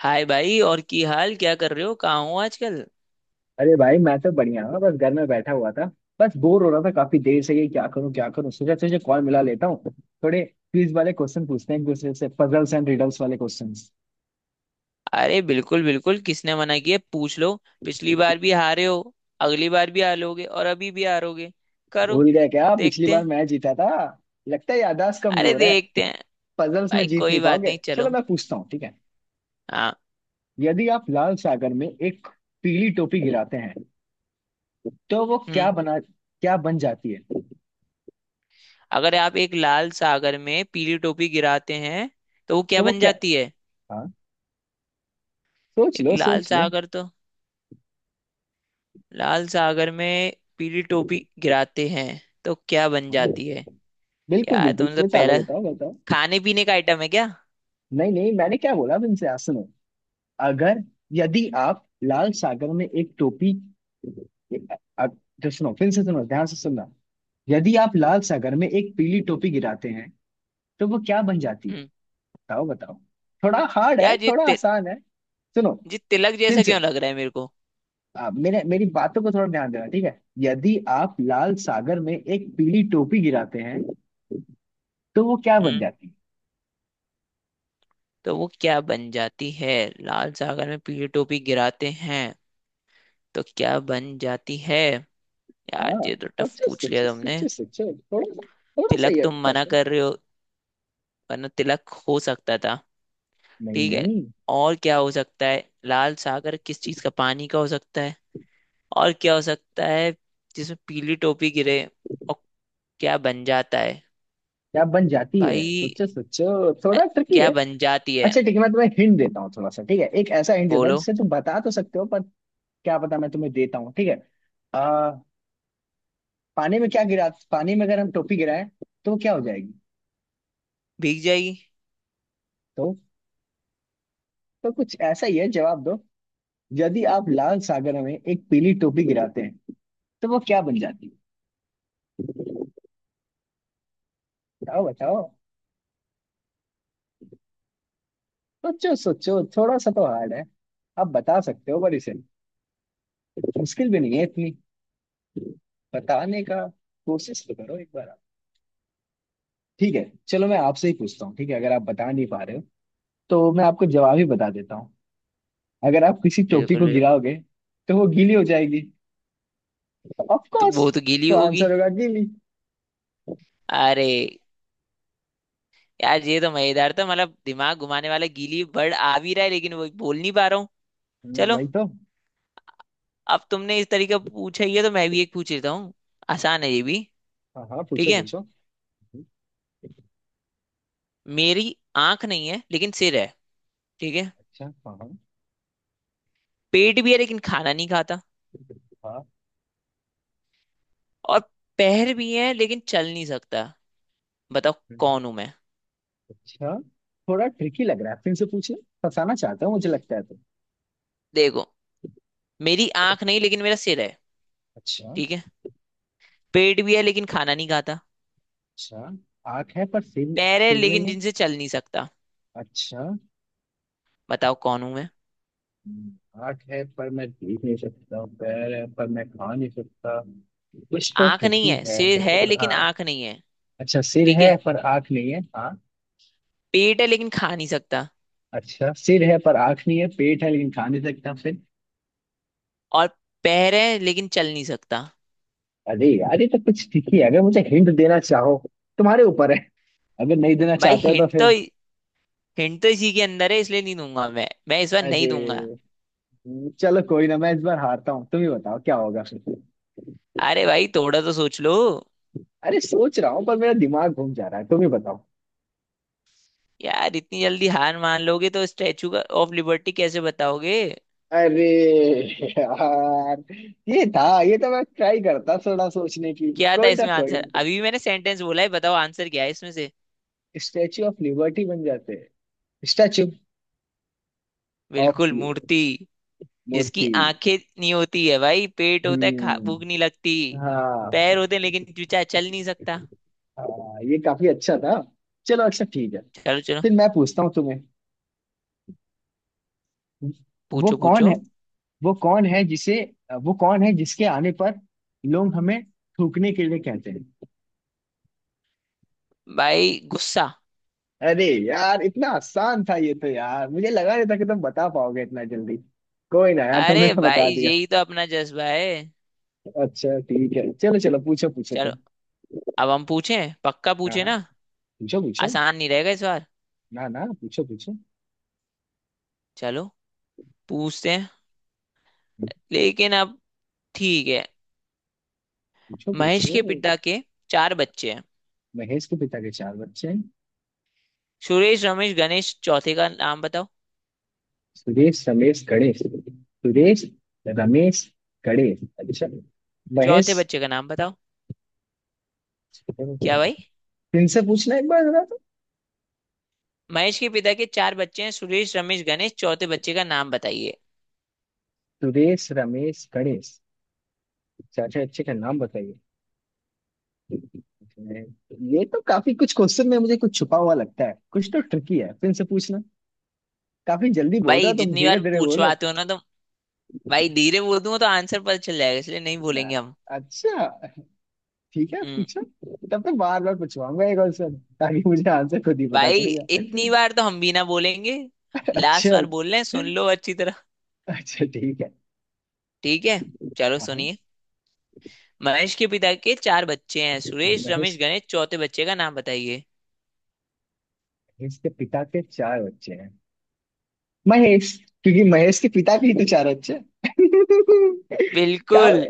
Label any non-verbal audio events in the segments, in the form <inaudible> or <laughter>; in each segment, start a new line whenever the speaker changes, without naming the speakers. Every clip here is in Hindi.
हाय भाई। और की हाल क्या कर रहे हो? कहाँ हो आजकल?
अरे भाई मैं तो बढ़िया हूँ। बस घर में बैठा हुआ था। बस बोर हो रहा था काफी देर से, ये क्या करूँ सोचा तुझे कॉल मिला लेता हूँ। थोड़े क्विज वाले क्वेश्चन पूछते हैं एक दूसरे से, पजल्स एंड रिडल्स वाले क्वेश्चंस।
अरे बिल्कुल बिल्कुल, किसने मना किया, पूछ लो। पिछली बार भी हारे हो, अगली बार भी हारोगे और अभी भी हारोगे। करो।
भूल गए क्या, पिछली
देखते
बार
हैं।
मैं जीता था? लगता है याददाश्त
अरे
कमजोर है।
देखते हैं।
पजल्स में
भाई
जीत
कोई
नहीं
बात
पाओगे,
नहीं,
चलो
चलो।
मैं पूछता हूँ, ठीक है?
हाँ।
यदि आप लाल सागर में एक पीली टोपी गिराते हैं तो वो क्या
हम्म।
बना क्या बन जाती है?
अगर आप एक लाल सागर में पीली टोपी गिराते हैं तो वो क्या
तो वो
बन
क्या?
जाती है?
हाँ, सोच
एक
लो
लाल
सोच लो।
सागर तो, लाल सागर में पीली टोपी गिराते हैं तो क्या बन
हाँ
जाती है?
बिल्कुल
यार
बिल्कुल,
तुमने तो मतलब
बताओ
पहला
बताओ बताओ।
खाने पीने का आइटम है क्या?
नहीं नहीं, मैंने क्या बोला तुमसे, आज सुनो। अगर, यदि आप लाल सागर में एक टोपी अ- तो सुनो फिर से, सुनो ध्यान से सुनना। यदि आप लाल सागर में एक पीली टोपी गिराते हैं तो वो क्या बन जाती है?
हम्म।
बताओ बताओ। थोड़ा हार्ड है
यार
थोड़ा आसान है। सुनो
ये तिलक
फिर
जैसा
से।
क्यों लग रहा है मेरे को?
आप मेरे मेरी बातों को थोड़ा ध्यान देना, ठीक है? यदि आप लाल सागर में एक पीली टोपी गिराते हैं तो वो क्या बन
हम्म।
जाती है?
तो वो क्या बन जाती है? लाल सागर में पीली टोपी गिराते हैं तो क्या बन जाती है?
हाँ,
यार ये तो टफ
सोचो
पूछ लिया
सोचो
तुमने।
सोचो सोचो। थोड़ा सा
तिलक
ये
तुम मना
tough है।
कर रहे हो, वरना तिलक हो सकता था।
नहीं
ठीक है।
नहीं।
और क्या हो सकता है? लाल सागर किस चीज का, पानी का हो सकता है? और क्या हो सकता है जिसमें पीली टोपी गिरे और क्या बन जाता है?
क्या बन जाती है,
भाई
सोचो सोचो,
अ,
थोड़ा ट्रिकी
क्या
है।
बन जाती है?
अच्छा ठीक है, मैं तुम्हें हिंट देता हूँ थोड़ा सा, ठीक है। एक ऐसा हिंट देता हूँ
बोलो।
जिससे तुम बता तो सकते हो, पर क्या पता। मैं तुम्हें देता हूँ, ठीक है। आ, पानी में क्या गिरा, पानी में अगर हम टोपी गिराएं तो वो क्या हो जाएगी?
भीग जाएगी।
तो तो कुछ ऐसा ही है, जवाब दो। यदि आप लाल सागर में एक पीली टोपी गिराते हैं तो वो क्या बन जाती है? बताओ बताओ। सोचो सोचो, थोड़ा सा तो हार्ड है। आप बता सकते हो, पर इसे, मुश्किल भी नहीं है इतनी। बताने का कोशिश तो करो एक बार, ठीक है। चलो मैं आपसे ही पूछता हूँ, ठीक है। अगर आप बता नहीं पा रहे हो तो मैं आपको जवाब ही बता देता हूँ। अगर आप किसी टोपी
बिल्कुल
को
बिल्कुल,
गिराओगे तो वो गीली हो जाएगी, ऑफ
तो
कोर्स।
वो तो गीली
तो
होगी।
आंसर होगा, गीली।
अरे यार ये तो मजेदार था, मतलब दिमाग घुमाने वाला। गीली बर्ड आ भी रहा है लेकिन वो बोल नहीं पा रहा हूँ। चलो,
वही तो।
अब तुमने इस तरीके पूछा ही है तो मैं भी एक पूछ लेता हूँ। आसान है ये भी।
हाँ हाँ,
ठीक
पूछो
है।
पूछो। हम्म।
मेरी आंख नहीं है लेकिन सिर है। ठीक है।
अच्छा, हाँ हाँ।
पेट भी है लेकिन खाना नहीं खाता।
हाँ।
और पैर भी है लेकिन चल नहीं सकता। बताओ
हम्म।
कौन हूं मैं।
अच्छा, थोड़ा ट्रिकी लग रहा है, फिर से पूछे। फंसाना चाहता हूँ मुझे लगता है तो।
देखो, मेरी आंख नहीं लेकिन मेरा सिर है।
अच्छा।
ठीक है। पेट भी है लेकिन खाना नहीं खाता।
अच्छा, आंख है पर सिर,
पैर है
सिर नहीं
लेकिन
है।
जिनसे चल नहीं सकता।
अच्छा,
बताओ कौन हूं मैं।
हाथ है पर मैं देख नहीं सकता, पैर है पर मैं खा नहीं सकता, कुछ तो
आंख नहीं
ट्रिकी
है,
है।
सिर है लेकिन
हाँ।
आंख नहीं है।
अच्छा, सिर
ठीक
है
है।
पर आँख नहीं है। हाँ।
पेट है लेकिन खा नहीं सकता।
अच्छा, सिर है पर आँख नहीं है, पेट है लेकिन खा नहीं सकता, फिर?
और पैर है लेकिन चल नहीं सकता।
अरे यार ये तो कुछ ट्रिकी है, अगर मुझे हिंट देना चाहो, तुम्हारे ऊपर है। अगर नहीं देना
भाई
चाहते हो तो
हिंट
फिर,
तो, हिंट तो इसी के अंदर है इसलिए नहीं दूंगा। मैं इस बार नहीं
अरे,
दूंगा।
चलो कोई ना, मैं इस बार हारता हूँ, तुम ही बताओ क्या होगा फिर।
अरे भाई थोड़ा तो सोच लो।
अरे सोच रहा हूँ पर मेरा दिमाग घूम जा रहा है, तुम ही बताओ।
यार इतनी जल्दी हार मान लोगे तो स्टैचू का ऑफ लिबर्टी कैसे बताओगे?
अरे यार, ये था, ये तो मैं ट्राई करता थोड़ा सोचने की।
क्या था
कोई ना
इसमें
कोई
आंसर?
ना।
अभी भी मैंने सेंटेंस बोला है, बताओ आंसर क्या है इसमें से।
स्टैचू ऑफ लिबर्टी बन जाते हैं। स्टैचू ऑफ
बिल्कुल, मूर्ति, जिसकी
मूर्ति।
आंखें नहीं होती है भाई। पेट होता है, खा
हम्म।
भूख नहीं लगती।
हाँ।
पैर होते हैं लेकिन चूचा चल नहीं सकता।
हाँ, ये काफी अच्छा था, चलो अच्छा ठीक है।
चलो चलो,
फिर मैं पूछता हूँ तुम्हें। वो
पूछो
कौन
पूछो।
है, वो कौन है जिसे, वो कौन है जिसके आने पर लोग हमें थूकने के लिए कहते हैं?
भाई गुस्सा।
अरे यार इतना आसान था ये तो, यार मुझे लगा नहीं था कि तुम बता पाओगे इतना जल्दी। कोई ना यार, तुमने
अरे
तो बता
भाई
दिया।
यही तो अपना जज्बा है।
अच्छा ठीक है, चलो चलो पूछो पूछो
चलो,
तुम।
अब हम पूछें, पक्का
हाँ
पूछे
हाँ,
ना?
पूछो पूछो।
आसान नहीं रहेगा इस बार।
ना ना, पूछो पूछो।
चलो, पूछते हैं लेकिन अब, ठीक है।
पूछो
महेश
पूछो।
के पिता के 4 बच्चे हैं,
महेश के पिता के चार बच्चे हैं,
सुरेश रमेश गणेश, चौथे का नाम बताओ।
सुरेश रमेश गणेश। सुरेश रमेश गणेश, अच्छा, महेश।
चौथे बच्चे का नाम बताओ। क्या भाई।
इनसे पूछना एक बार जरा तो।
महेश के पिता के चार बच्चे हैं, सुरेश रमेश गणेश, चौथे बच्चे का नाम बताइए।
सुरेश रमेश गणेश, चाचा अच्छे का नाम बताइए। ये तो काफी कुछ क्वेश्चन में मुझे कुछ छुपा हुआ लगता है, कुछ तो ट्रिकी है, फिर से पूछना। काफी जल्दी बोल रहे
भाई
हो तुम,
जितनी
धीरे
बार
धीरे बोलो।
पूछवाते हो ना तो, भाई धीरे बोल दूंगा तो आंसर पता चल जाएगा, इसलिए नहीं
ना,
बोलेंगे हम।
अच्छा ठीक है,
हम्म।
पूछो। तब तो बार बार पूछवाऊंगा एक क्वेश्चन, ताकि मुझे आंसर खुद ही पता
भाई
चल जाए।
इतनी बार तो हम भी ना बोलेंगे। लास्ट
अच्छा,
बार बोल रहे हैं, सुन लो अच्छी तरह।
अच्छा ठीक है।
ठीक है, चलो
हाँ हाँ।
सुनिए। महेश के पिता के चार बच्चे हैं, सुरेश रमेश
महेश।
गणेश, चौथे बच्चे का नाम बताइए।
महेश के पिता के चार बच्चे हैं, महेश। क्योंकि महेश के पिता के ही तो चार बच्चे हैं। <laughs> का,
बिल्कुल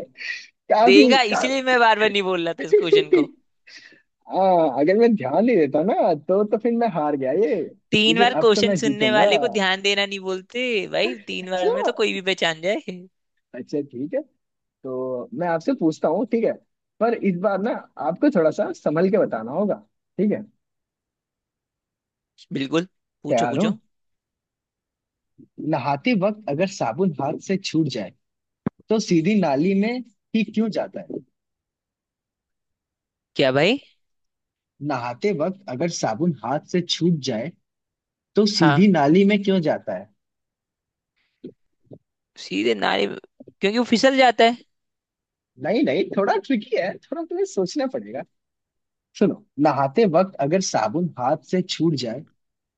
काफी
देगा इसलिए
काफी।
मैं बार बार नहीं बोल रहा था इस क्वेश्चन को।
आ, अगर मैं ध्यान नहीं देता ना, तो फिर मैं हार गया ये।
तीन
लेकिन
बार
अब तो
क्वेश्चन
मैं
सुनने
जीतूंगा।
वाले को ध्यान देना नहीं बोलते। भाई 3 बार में तो
अच्छा,
कोई भी पहचान जाए।
अच्छा ठीक है। तो मैं आपसे पूछता हूँ, ठीक है। पर इस बार ना, आपको थोड़ा सा संभल के बताना होगा, ठीक है।
बिल्कुल, पूछो
तैयार हो?
पूछो।
नहाते वक्त अगर साबुन हाथ से छूट जाए तो सीधी नाली में ही क्यों जाता है?
क्या भाई।
नहाते वक्त अगर साबुन हाथ से छूट जाए तो
हाँ,
सीधी नाली में क्यों जाता है?
सीधे नारे क्योंकि वो फिसल जाता है।
नहीं नहीं, थोड़ा ट्रिकी है, थोड़ा तुम्हें सोचना। सुनो, नहाते वक्त अगर साबुन हाथ से छूट जाए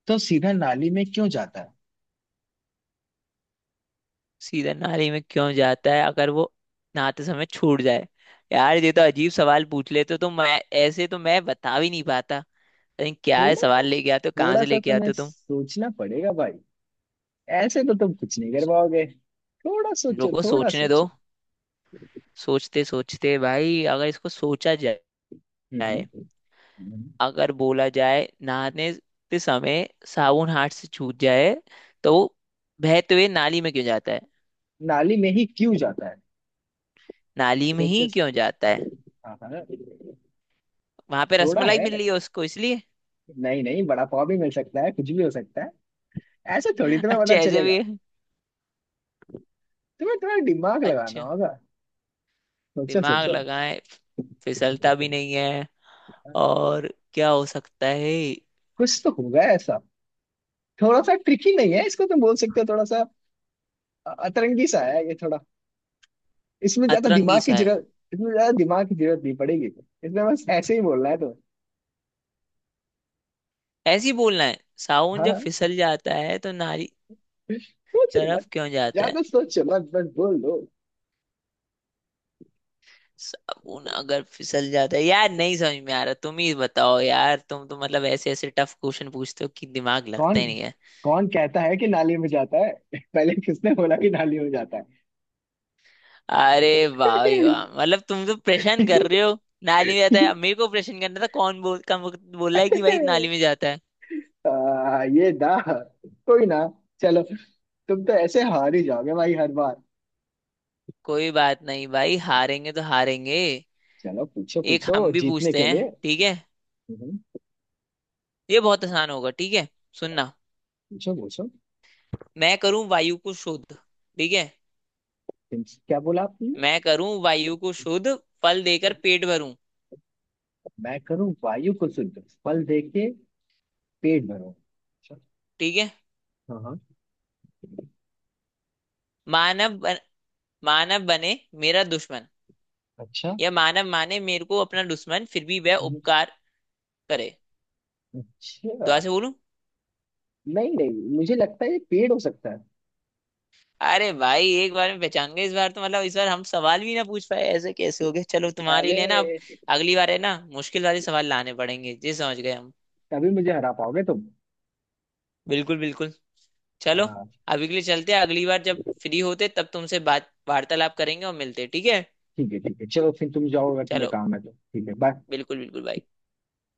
तो सीधा नाली में क्यों जाता है?
सीधा नाली में क्यों जाता है अगर वो नहाते समय छूट जाए? यार ये तो अजीब सवाल पूछ लेते हो। तो मैं ऐसे तो मैं बता भी नहीं पाता। अरे क्या है
थोड़ा सा,
सवाल, लेके आते हो कहाँ
थोड़ा
से
सा
लेके
तुम्हें
आते हो तुम?
सोचना पड़ेगा भाई, ऐसे तो तुम कुछ नहीं कर
सो-
पाओगे। थोड़ा सोचो
रुको
थोड़ा
सोचने दो।
सोचो।
सोचते सोचते भाई, अगर इसको सोचा
हम्म।
जाए,
हम्म।
अगर बोला जाए, नहाने ते समय साबुन हाथ से छूट जाए तो वो बहते हुए नाली में क्यों जाता है?
नाली में ही क्यों जाता है?
नाली में
सोचो।
ही क्यों जाता है?
हाँ हाँ।
वहां पे
थोड़ा
रसमलाई
है।
मिल रही है उसको, इसलिए।
नहीं नहीं, बड़ा पाव भी मिल सकता है, कुछ भी हो सकता है, ऐसे थोड़ी
<laughs>
तुम्हें पता
अच्छा ऐसे भी
चलेगा।
है।
तुम्हें थोड़ा दिमाग लगाना
अच्छा,
होगा, सोचो
दिमाग
सोचो।
लगाएं। फिसलता भी नहीं है,
हाँ।
और क्या हो सकता है?
कुछ तो होगा ऐसा। थोड़ा सा ट्रिकी नहीं है इसको, तुम बोल सकते हो, थोड़ा सा अतरंगी सा है ये, थोड़ा। इसमें ज्यादा
अतरंगी
दिमाग की
सा है।
जरूरत, इसमें ज्यादा दिमाग की जरूरत नहीं पड़ेगी, इसमें बस ऐसे ही बोलना है तो।
ऐसी बोलना है साबुन
हाँ
जब
हाँ।
फिसल जाता है तो नारी
सोच लो मत,
तरफ क्यों जाता है?
ज्यादा सोचो मत, बस बोल दो।
साबुन अगर फिसल जाता है, यार नहीं समझ में आ रहा। तुम ही बताओ यार, तुम तो मतलब ऐसे ऐसे टफ क्वेश्चन पूछते हो कि दिमाग लगता
कौन,
ही नहीं है।
कौन कहता है कि नाली में जाता है? <laughs> पहले किसने बोला कि नाली में जाता है?
अरे वाह भाई वाह, मतलब तुम तो परेशान कर रहे हो। नाली में जाता है, अब
<laughs>
मेरे को परेशान करना था। कौन बोल कम बोल रहा है कि भाई नाली में जाता है?
आ, ये दा कोई ना, चलो। तुम तो ऐसे हार ही जाओगे भाई, हर बार।
कोई बात नहीं भाई, हारेंगे तो हारेंगे।
चलो पूछो
एक
पूछो,
हम भी
जीतने
पूछते
के
हैं,
लिए।
ठीक है।
हम्म,
ये बहुत आसान होगा, ठीक है। सुनना।
पूछो पूछो।
मैं करूं वायु को शुद्ध, ठीक है।
क्या बोला आपने?
मैं करूं वायु को शुद्ध, फल देकर पेट भरूं।
मैं करूं वायु को शुद्ध, फल देके पेट भरो, अच्छा।
ठीक है।
हाँ हाँ।
मानव बन, मानव बने मेरा दुश्मन,
अच्छा।
या मानव माने मेरे को अपना दुश्मन, फिर भी वह
हम्म।
उपकार करे।
अच्छा।
दोबारा से बोलूं?
नहीं नहीं, मुझे लगता है ये पेड़ हो सकता है।
अरे भाई एक बार में पहचान गए इस बार तो। मतलब इस बार हम सवाल भी ना पूछ पाए, ऐसे कैसे हो गए? चलो, तुम्हारे
अरे,
लिए ना अब अगली बार है ना, मुश्किल वाले सवाल लाने पड़ेंगे जी, समझ गए हम।
तभी मुझे हरा पाओगे तुम।
बिल्कुल बिल्कुल। चलो,
हाँ।
अभी के लिए चलते हैं, अगली बार जब फ्री होते तब तुमसे बात वार्तालाप करेंगे और मिलते हैं, ठीक है।
ठीक है ठीक है, चलो फिर तुम जाओ, अगर तुम्हें
चलो,
काम है तो। ठीक है, बाय।
बिल्कुल बिल्कुल भाई।